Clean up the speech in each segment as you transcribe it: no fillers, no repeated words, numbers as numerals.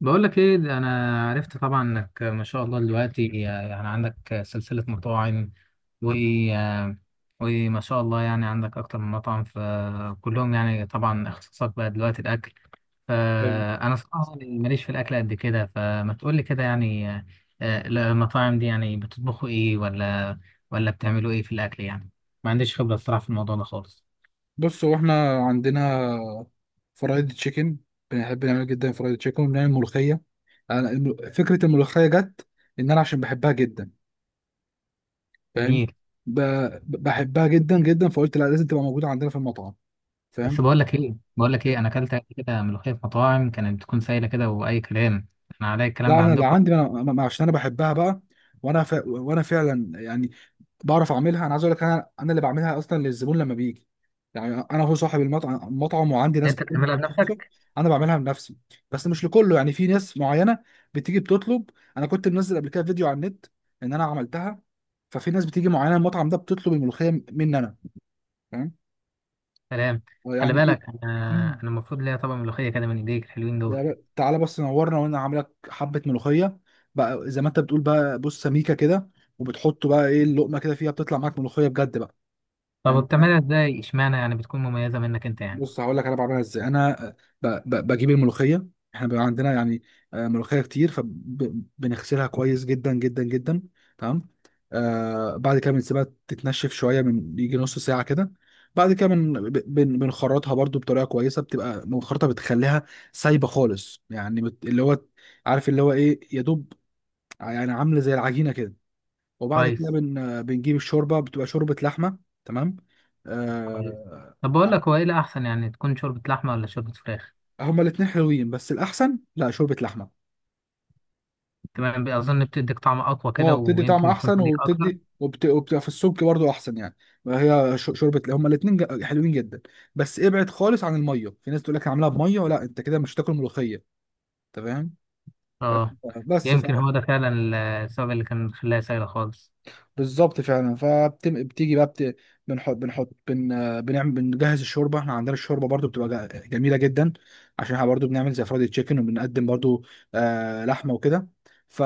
بقول لك ايه ده انا عرفت طبعا انك ما شاء الله دلوقتي يعني عندك سلسلة مطاعم و آه، وما شاء الله يعني عندك اكتر من مطعم، فكلهم يعني طبعا اختصاصك بقى دلوقتي الاكل. ايوه. فانا صراحة يعني ماليش في الاكل قد كده، فما تقول لي كده يعني المطاعم دي يعني بتطبخوا ايه ولا بتعملوا ايه في الاكل يعني؟ ما عنديش خبرة الصراحة في الموضوع ده خالص. بص، هو احنا عندنا فرايد تشيكن. بنحب نعمل جدا فرايد تشيكن وبنعمل ملوخيه. انا فكره الملوخيه جت ان انا عشان بحبها جدا. فاهم؟ جميل. ب... بحبها جدا جدا، فقلت لا، لازم تبقى موجوده عندنا في المطعم. فاهم؟ بس بقول لك ايه انا اكلت قبل كده ملوخيه في مطاعم كانت بتكون سايله كده واي كلام. انا عليا الكلام لا، ده انا اللي عندكم. عندي انا عشان انا بحبها بقى. وانا فعلا يعني بعرف اعملها. انا عايز اقول لك، انا اللي بعملها اصلا للزبون لما بيجي. يعني انا هو صاحب المطعم، وعندي ناس انت كتير بتعملها متخصصه. بنفسك؟ انا بعملها بنفسي، بس مش لكله، يعني في ناس معينه بتيجي بتطلب. انا كنت منزل قبل كده فيديو على النت ان انا عملتها. ففي ناس بتيجي معينه المطعم ده بتطلب الملوخيه مني انا. فاهم سلام. خلي يعني ايه؟ بالك مم. انا المفروض ليا طبق ملوخيه كده من ايديك الحلوين دول. تعالى بس نورنا وانا عامل لك حبه ملوخيه بقى، زي ما انت بتقول بقى. بص، سميكه كده، وبتحط بقى ايه اللقمه كده فيها، بتطلع معاك ملوخيه بجد بقى. طب فاهم؟ وبتعملها ازاي؟ اشمعنى يعني بتكون مميزه منك انت يعني؟ بص، هقول لك انا بعملها ازاي. انا بجيب الملوخيه. احنا بيبقى عندنا يعني ملوخيه كتير، فبنغسلها كويس جدا جدا جدا. تمام؟ آه، بعد كده بنسيبها تتنشف شويه، من يجي نص ساعه كده. بعد كده بنخرطها برضو بطريقه كويسه، بتبقى مخرطه، بتخليها سايبه خالص يعني، اللي هو عارف اللي هو ايه، يا دوب يعني، عامله زي العجينه كده. وبعد كده كويس. بنجيب الشوربه، بتبقى شوربه لحمه. تمام؟ كويس. آه. طب بقول لك، هو ايه الاحسن، يعني تكون شوربه لحمه ولا شوربه فراخ؟ هما الاتنين حلوين، بس الأحسن لا، شوربة لحمة. تمام. اظن بتديك طعم اقوى كده، اه، بتدي طعم ويمكن بتكون أحسن، تديك اكتر. وبتبقى في السمك برضو أحسن يعني. هي شوربة، هما الاتنين حلوين جدا. بس ابعد خالص عن المية، في ناس تقول لك أنا عاملاها بمية، لا، أنت كده مش هتاكل ملوخية. أنت فاهم؟ اه. بس ف... يمكن هو ده فعلا السبب اللي كان خلاها سايله خالص. بالظبط، فعلا. آه، بنجهز الشوربه. احنا عندنا الشوربه برضو بتبقى جميله جدا، عشان احنا برضو بنعمل زي فرايد تشيكن وبنقدم برضو آه لحمه وكده. ف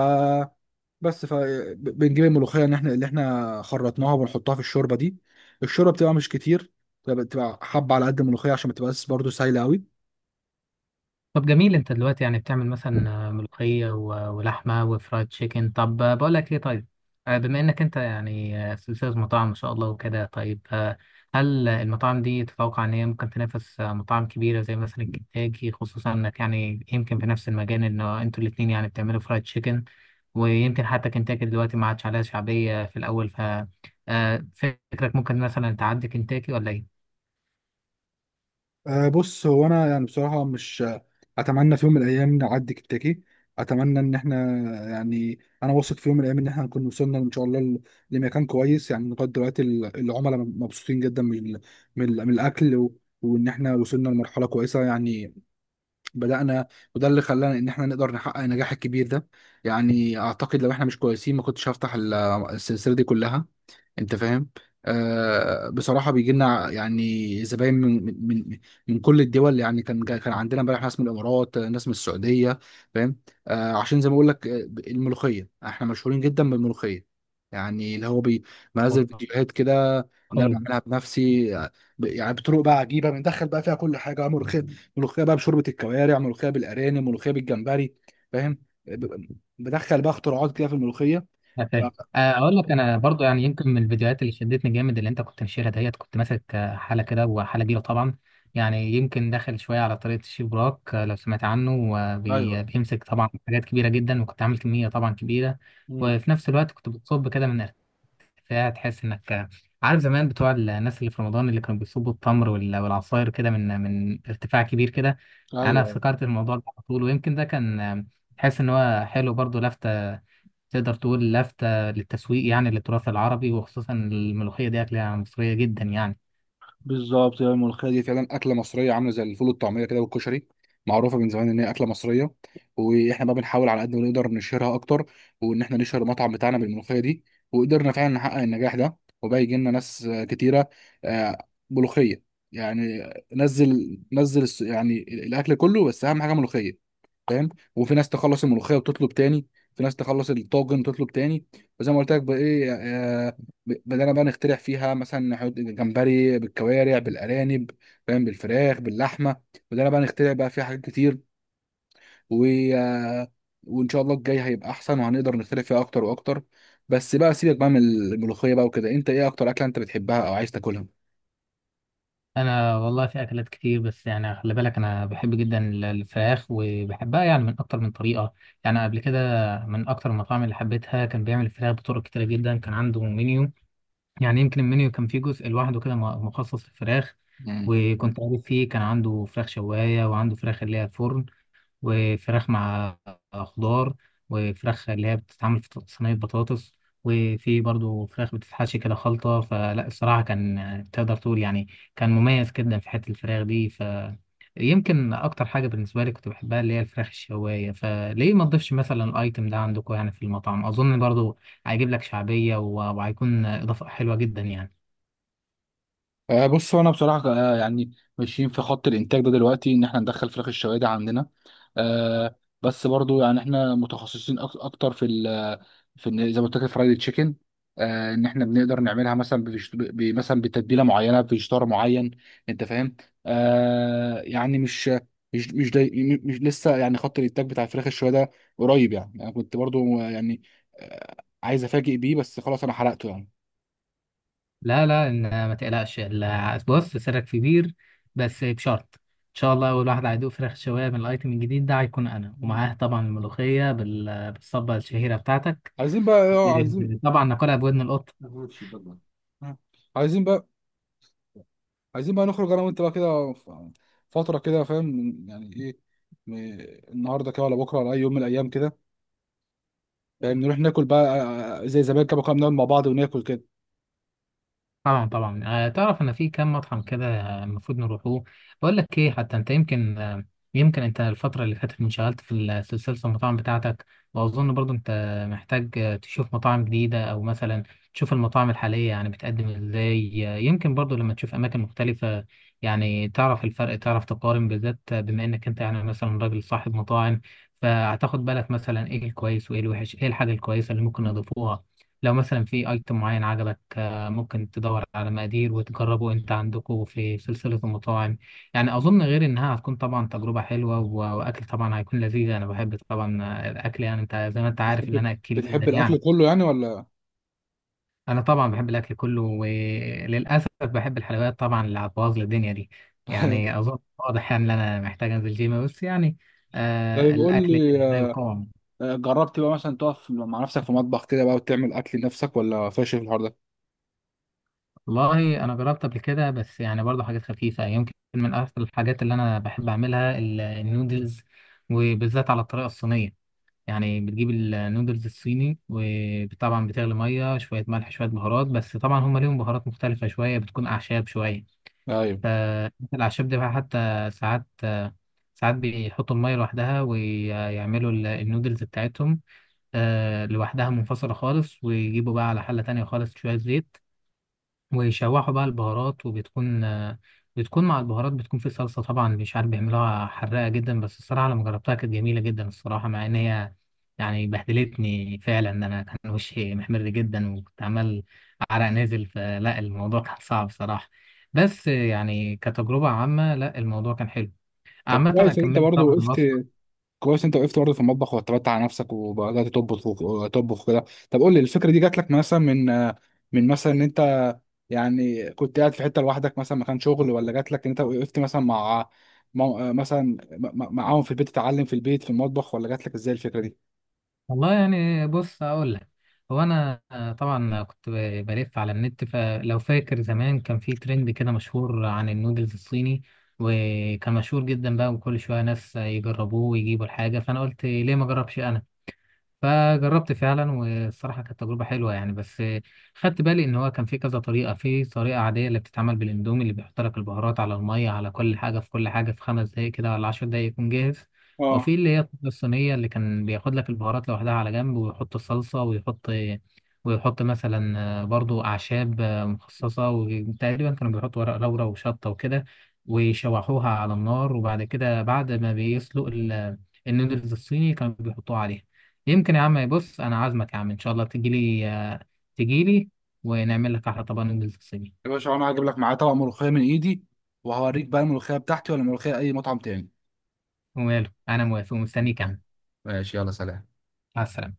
فبنجيب الملوخيه ان احنا اللي خرطناها، وبنحطها في الشوربه دي. الشوربه بتبقى مش كتير، بتبقى حبه على قد الملوخيه، عشان ما تبقاش برضه سايله قوي. طب جميل، انت دلوقتي يعني بتعمل مثلا ملوخية ولحمة وفرايد تشيكن. طب بقول لك ايه، طيب، بما انك انت يعني سلسلة مطاعم ما شاء الله وكده، طيب، هل المطاعم دي تتوقع ان هي ممكن تنافس مطاعم كبيرة زي مثلا كنتاكي، خصوصا انك يعني يمكن في نفس المجال ان انتوا الاتنين يعني بتعملوا فرايد تشيكن، ويمكن حتى كنتاكي دلوقتي ما عادش عليها شعبية في الاول، ف فكرك ممكن مثلا تعدي كنتاكي ولا؟ أه، بص، هو انا يعني بصراحه مش، اتمنى في يوم من الايام نعدي كنتاكي. اتمنى ان احنا يعني، انا واثق في يوم من الايام ان احنا هنكون وصلنا ان شاء الله لمكان كويس. يعني لغايه دلوقتي العملاء مبسوطين جدا من من الاكل، وان احنا وصلنا لمرحله كويسه يعني. بدأنا، وده اللي خلانا ان احنا نقدر نحقق النجاح الكبير ده. يعني اعتقد لو احنا مش كويسين، ما كنتش هفتح السلسلة دي كلها. انت فاهم؟ آه، بصراحه بيجي لنا يعني زباين من من كل الدول. يعني كان عندنا امبارح ناس من الامارات، آه، ناس من السعوديه. فاهم؟ آه، عشان زي ما بقول لك، آه، الملوخيه احنا مشهورين جدا بالملوخيه. يعني اللي هو بنزل فيديوهات كده ان انا ايه؟ بعملها بنفسي. آه، يعني بطرق بقى عجيبه، بندخل بقى فيها كل حاجه ملوخيه. ملوخيه بقى بشوربه الكوارع، ملوخيه بالارانب، ملوخيه بالجمبري. فاهم؟ آه، بدخل بقى اختراعات كده في الملوخيه. أنا فاهم. اقول لك انا برضو، يعني يمكن من الفيديوهات اللي شدتني جامد اللي انت كنت نشيرها، ديت كنت ماسك حاله كده، وحاله كبيره طبعا، يعني يمكن داخل شويه على طريقه الشيف براك. لو سمعت عنه، ايوه. بيمسك طبعا حاجات كبيره جدا، وكنت عامل كميه طبعا كبيره. امم. وفي نفس الوقت كنت بتصب كده من ارتفاع، تحس انك عارف زمان بتوع الناس اللي في رمضان اللي كانوا بيصبوا التمر والعصاير كده من ارتفاع كبير كده. انا ايوه، افتكرت الموضوع ده على طول، ويمكن ده كان تحس ان هو حلو، برضو لفته تقدر تقول لافتة للتسويق يعني للتراث العربي، وخصوصا الملوخية دي أكلة مصرية جدا يعني. بالظبط. هي الملوخيه دي فعلا اكله مصريه، عامله زي الفول والطعميه كده والكشري، معروفه من زمان ان هي اكله مصريه. واحنا بقى بنحاول على قد ما نقدر نشهرها اكتر، وان احنا نشهر المطعم بتاعنا بالملوخيه دي. وقدرنا فعلا نحقق النجاح ده، وبقى يجي لنا ناس آه، كتيره، آه، ملوخيه، يعني. نزل يعني الاكل كله، بس اهم حاجه ملوخيه. فاهم؟ وفي ناس تخلص الملوخيه وتطلب تاني، في ناس تخلص الطاجن وتطلب تاني. وزي ما قلت لك بقى ايه، آه، بدأنا بقى نخترع فيها، مثلا نحط جمبري بالكوارع، بالأرانب، فاهم، بالفراخ، باللحمة. بدأنا بقى نخترع بقى فيها حاجات كتير، و... آه، وإن شاء الله الجاي هيبقى أحسن، وهنقدر نخترع فيها أكتر وأكتر. بس بقى سيبك بقى من الملوخية بقى وكده، أنت إيه أكتر أكلة أنت بتحبها أو عايز تاكلها؟ أنا والله في أكلات كتير، بس يعني خلي بالك، أنا بحب جدا الفراخ، وبحبها يعني من أكتر من طريقة. يعني قبل كده من أكتر المطاعم اللي حبيتها كان بيعمل الفراخ بطرق كتيرة جدا. كان عنده منيو، يعني يمكن المنيو كان فيه جزء لوحده كده مخصص للفراخ. وكنت عارف فيه كان عنده فراخ شواية، وعنده فراخ اللي هي الفرن، وفراخ مع خضار، وفراخ اللي هي بتتعمل في صينية بطاطس، وفي برضو فراخ بتتحشي كده خلطة. فلا الصراحة كان، تقدر تقول يعني، كان مميز جدا في حتة الفراخ دي. ف يمكن أكتر حاجة بالنسبة لي كنت بحبها اللي هي الفراخ الشواية، فليه ما تضيفش مثلا الأيتم ده عندكم يعني في المطعم؟ أظن برضو هيجيب لك شعبية، وهيكون إضافة حلوة جدا يعني. آه، بص، هو انا بصراحه آه، يعني ماشيين في خط الانتاج ده دلوقتي، ان احنا ندخل فراخ الشوادي عندنا، آه، بس برضو يعني احنا متخصصين اكتر في زي ما قلت لك، الفرايد تشيكن. آه، ان احنا بنقدر نعملها مثلا مثلا بتتبيله معينه، بفيجيتار معين. انت فاهم؟ آه، يعني مش مش, داي مش لسه يعني خط الانتاج بتاع الفراخ الشوايه. قريب يعني، انا كنت برضو آه، يعني آه، عايز افاجئ بيه، بس خلاص انا حرقته يعني. لا لا، إن ما تقلقش، بص، سرك كبير، بس بشرط ان شاء الله اول واحد هيدوق فراخ شوايه من الايتم الجديد ده هيكون انا، ومعاه طبعا الملوخيه بالصبه الشهيره بتاعتك. عايزين بقى، اه، عايزين. طبعا ناكلها بودن القط. ماشي بالله. مم. عايزين بقى، عايزين بقى نخرج انا وانت بقى كده فتره كده، فاهم يعني ايه، م- النهارده كده، ولا بكره، ولا اي يوم من الايام كده. فاهم؟ نروح ناكل بقى آه، زي زمان كده، كنا بنقعد مع بعض وناكل كده. طبعا طبعا. تعرف ان في كام مطعم كده المفروض نروحوه. بقول لك ايه، حتى انت يمكن يمكن انت الفتره اللي فاتت انشغلت في سلسله المطاعم بتاعتك، واظن برضو انت محتاج تشوف مطاعم جديده، او مثلا تشوف المطاعم الحاليه يعني بتقدم ازاي. يمكن برضو لما تشوف اماكن مختلفه يعني تعرف الفرق، تعرف تقارن، بالذات بما انك انت يعني مثلا راجل صاحب مطاعم، فهتاخد بالك مثلا ايه الكويس وايه الوحش، ايه الحاجه الكويسه اللي ممكن نضيفوها. لو مثلا في ايتم معين عجبك، ممكن تدور على مقادير وتجربه انت عندكم في سلسلة المطاعم. يعني اظن غير انها هتكون طبعا تجربة حلوة واكل طبعا هيكون لذيذ. انا بحب طبعا الاكل، يعني انت زي ما انت عارف ان انا اكيل بتحب جدا الاكل يعني. كله يعني ولا؟ انا طبعا بحب الاكل كله، وللاسف بحب الحلويات طبعا اللي هتبوظ لي الدنيا دي. يعني اظن واضح يعني ان انا محتاج انزل جيم، بس يعني آه طيب، قول الاكل لي، لا آه، يقاوم. جربت بقى مثلا تقف مع نفسك في مطبخ كده بقى وتعمل اكل لنفسك، ولا فاشل في الحوار ده؟ والله انا جربت قبل كده، بس يعني برضه حاجات خفيفه. يمكن من اكثر الحاجات اللي انا بحب اعملها النودلز، وبالذات على الطريقه الصينيه. يعني بتجيب النودلز الصيني، وطبعا بتغلي ميه، شويه ملح، شويه بهارات، بس طبعا هم ليهم بهارات مختلفه شويه، بتكون اعشاب شويه. ايوه. فالاعشاب دي بقى حتى ساعات، ساعات بيحطوا الميه لوحدها ويعملوا النودلز بتاعتهم لوحدها منفصله خالص، ويجيبوا بقى على حله تانية خالص شويه زيت، ويشوحوا بقى البهارات، وبتكون بتكون مع البهارات، بتكون في صلصة طبعا مش عارف بيعملوها حراقة جدا. بس الصراحة لما جربتها كانت جميلة جدا الصراحة، مع ان هي يعني بهدلتني فعلا، إن انا كان وشي محمر جدا، وكنت عمال عرق نازل، فلا الموضوع كان صعب صراحة. بس يعني كتجربة عامة لا الموضوع كان حلو. طب عامة انا كويس ان انت كملت برضه طبعا وقفت، الوصفة. كويس انت وقفت برضه في المطبخ واعتمدت على نفسك، وبدات تطبخ وتطبخ كده. طب قول لي، الفكره دي جات لك مثلا من آه، من مثلا ان انت يعني كنت قاعد في حته لوحدك مثلا مكان شغل، ولا جات لك ان انت وقفت مثلا آه، مثلا معاهم في البيت، تتعلم في البيت في المطبخ، ولا جات لك ازاي الفكره دي؟ والله يعني بص اقول لك، هو انا طبعا كنت بلف على النت، فلو فاكر زمان كان في ترند كده مشهور عن النودلز الصيني، وكان مشهور جدا بقى، وكل شويه ناس يجربوه ويجيبوا الحاجه، فانا قلت ليه ما اجربش انا. فجربت فعلا، والصراحة كانت تجربة حلوة يعني. بس خدت بالي إن هو كان في كذا طريقة. في طريقة عادية اللي بتتعمل بالإندومي اللي بيحط لك البهارات على المية، على كل حاجة، في كل حاجة، في 5 دقايق كده ولا 10 دقايق يكون جاهز. اه، وفي اللي هي الطريقة الصينية اللي كان بياخد لك البهارات لوحدها على جنب، ويحط الصلصة، ويحط مثلا برضو أعشاب مخصصة، وتقريبا كانوا بيحطوا ورق لورا وشطة وكده، ويشوحوها على النار. وبعد كده بعد ما بيسلق النودلز الصيني كانوا بيحطوها عليها. يمكن يا عم، بص انا عازمك يا عم ان شاء الله تجيلي، تجيلي ونعمل لك احلى طبق نودلز صيني. يا باشا، انا هجيب لك معايا طبق ملوخيه من ايدي، وهوريك بقى الملوخيه بتاعتي ولا ملوخيه اي مطعم تاني. وماله، انا موافق ومستنيك يا عم. ماشي، يلا، سلام. مع السلامه.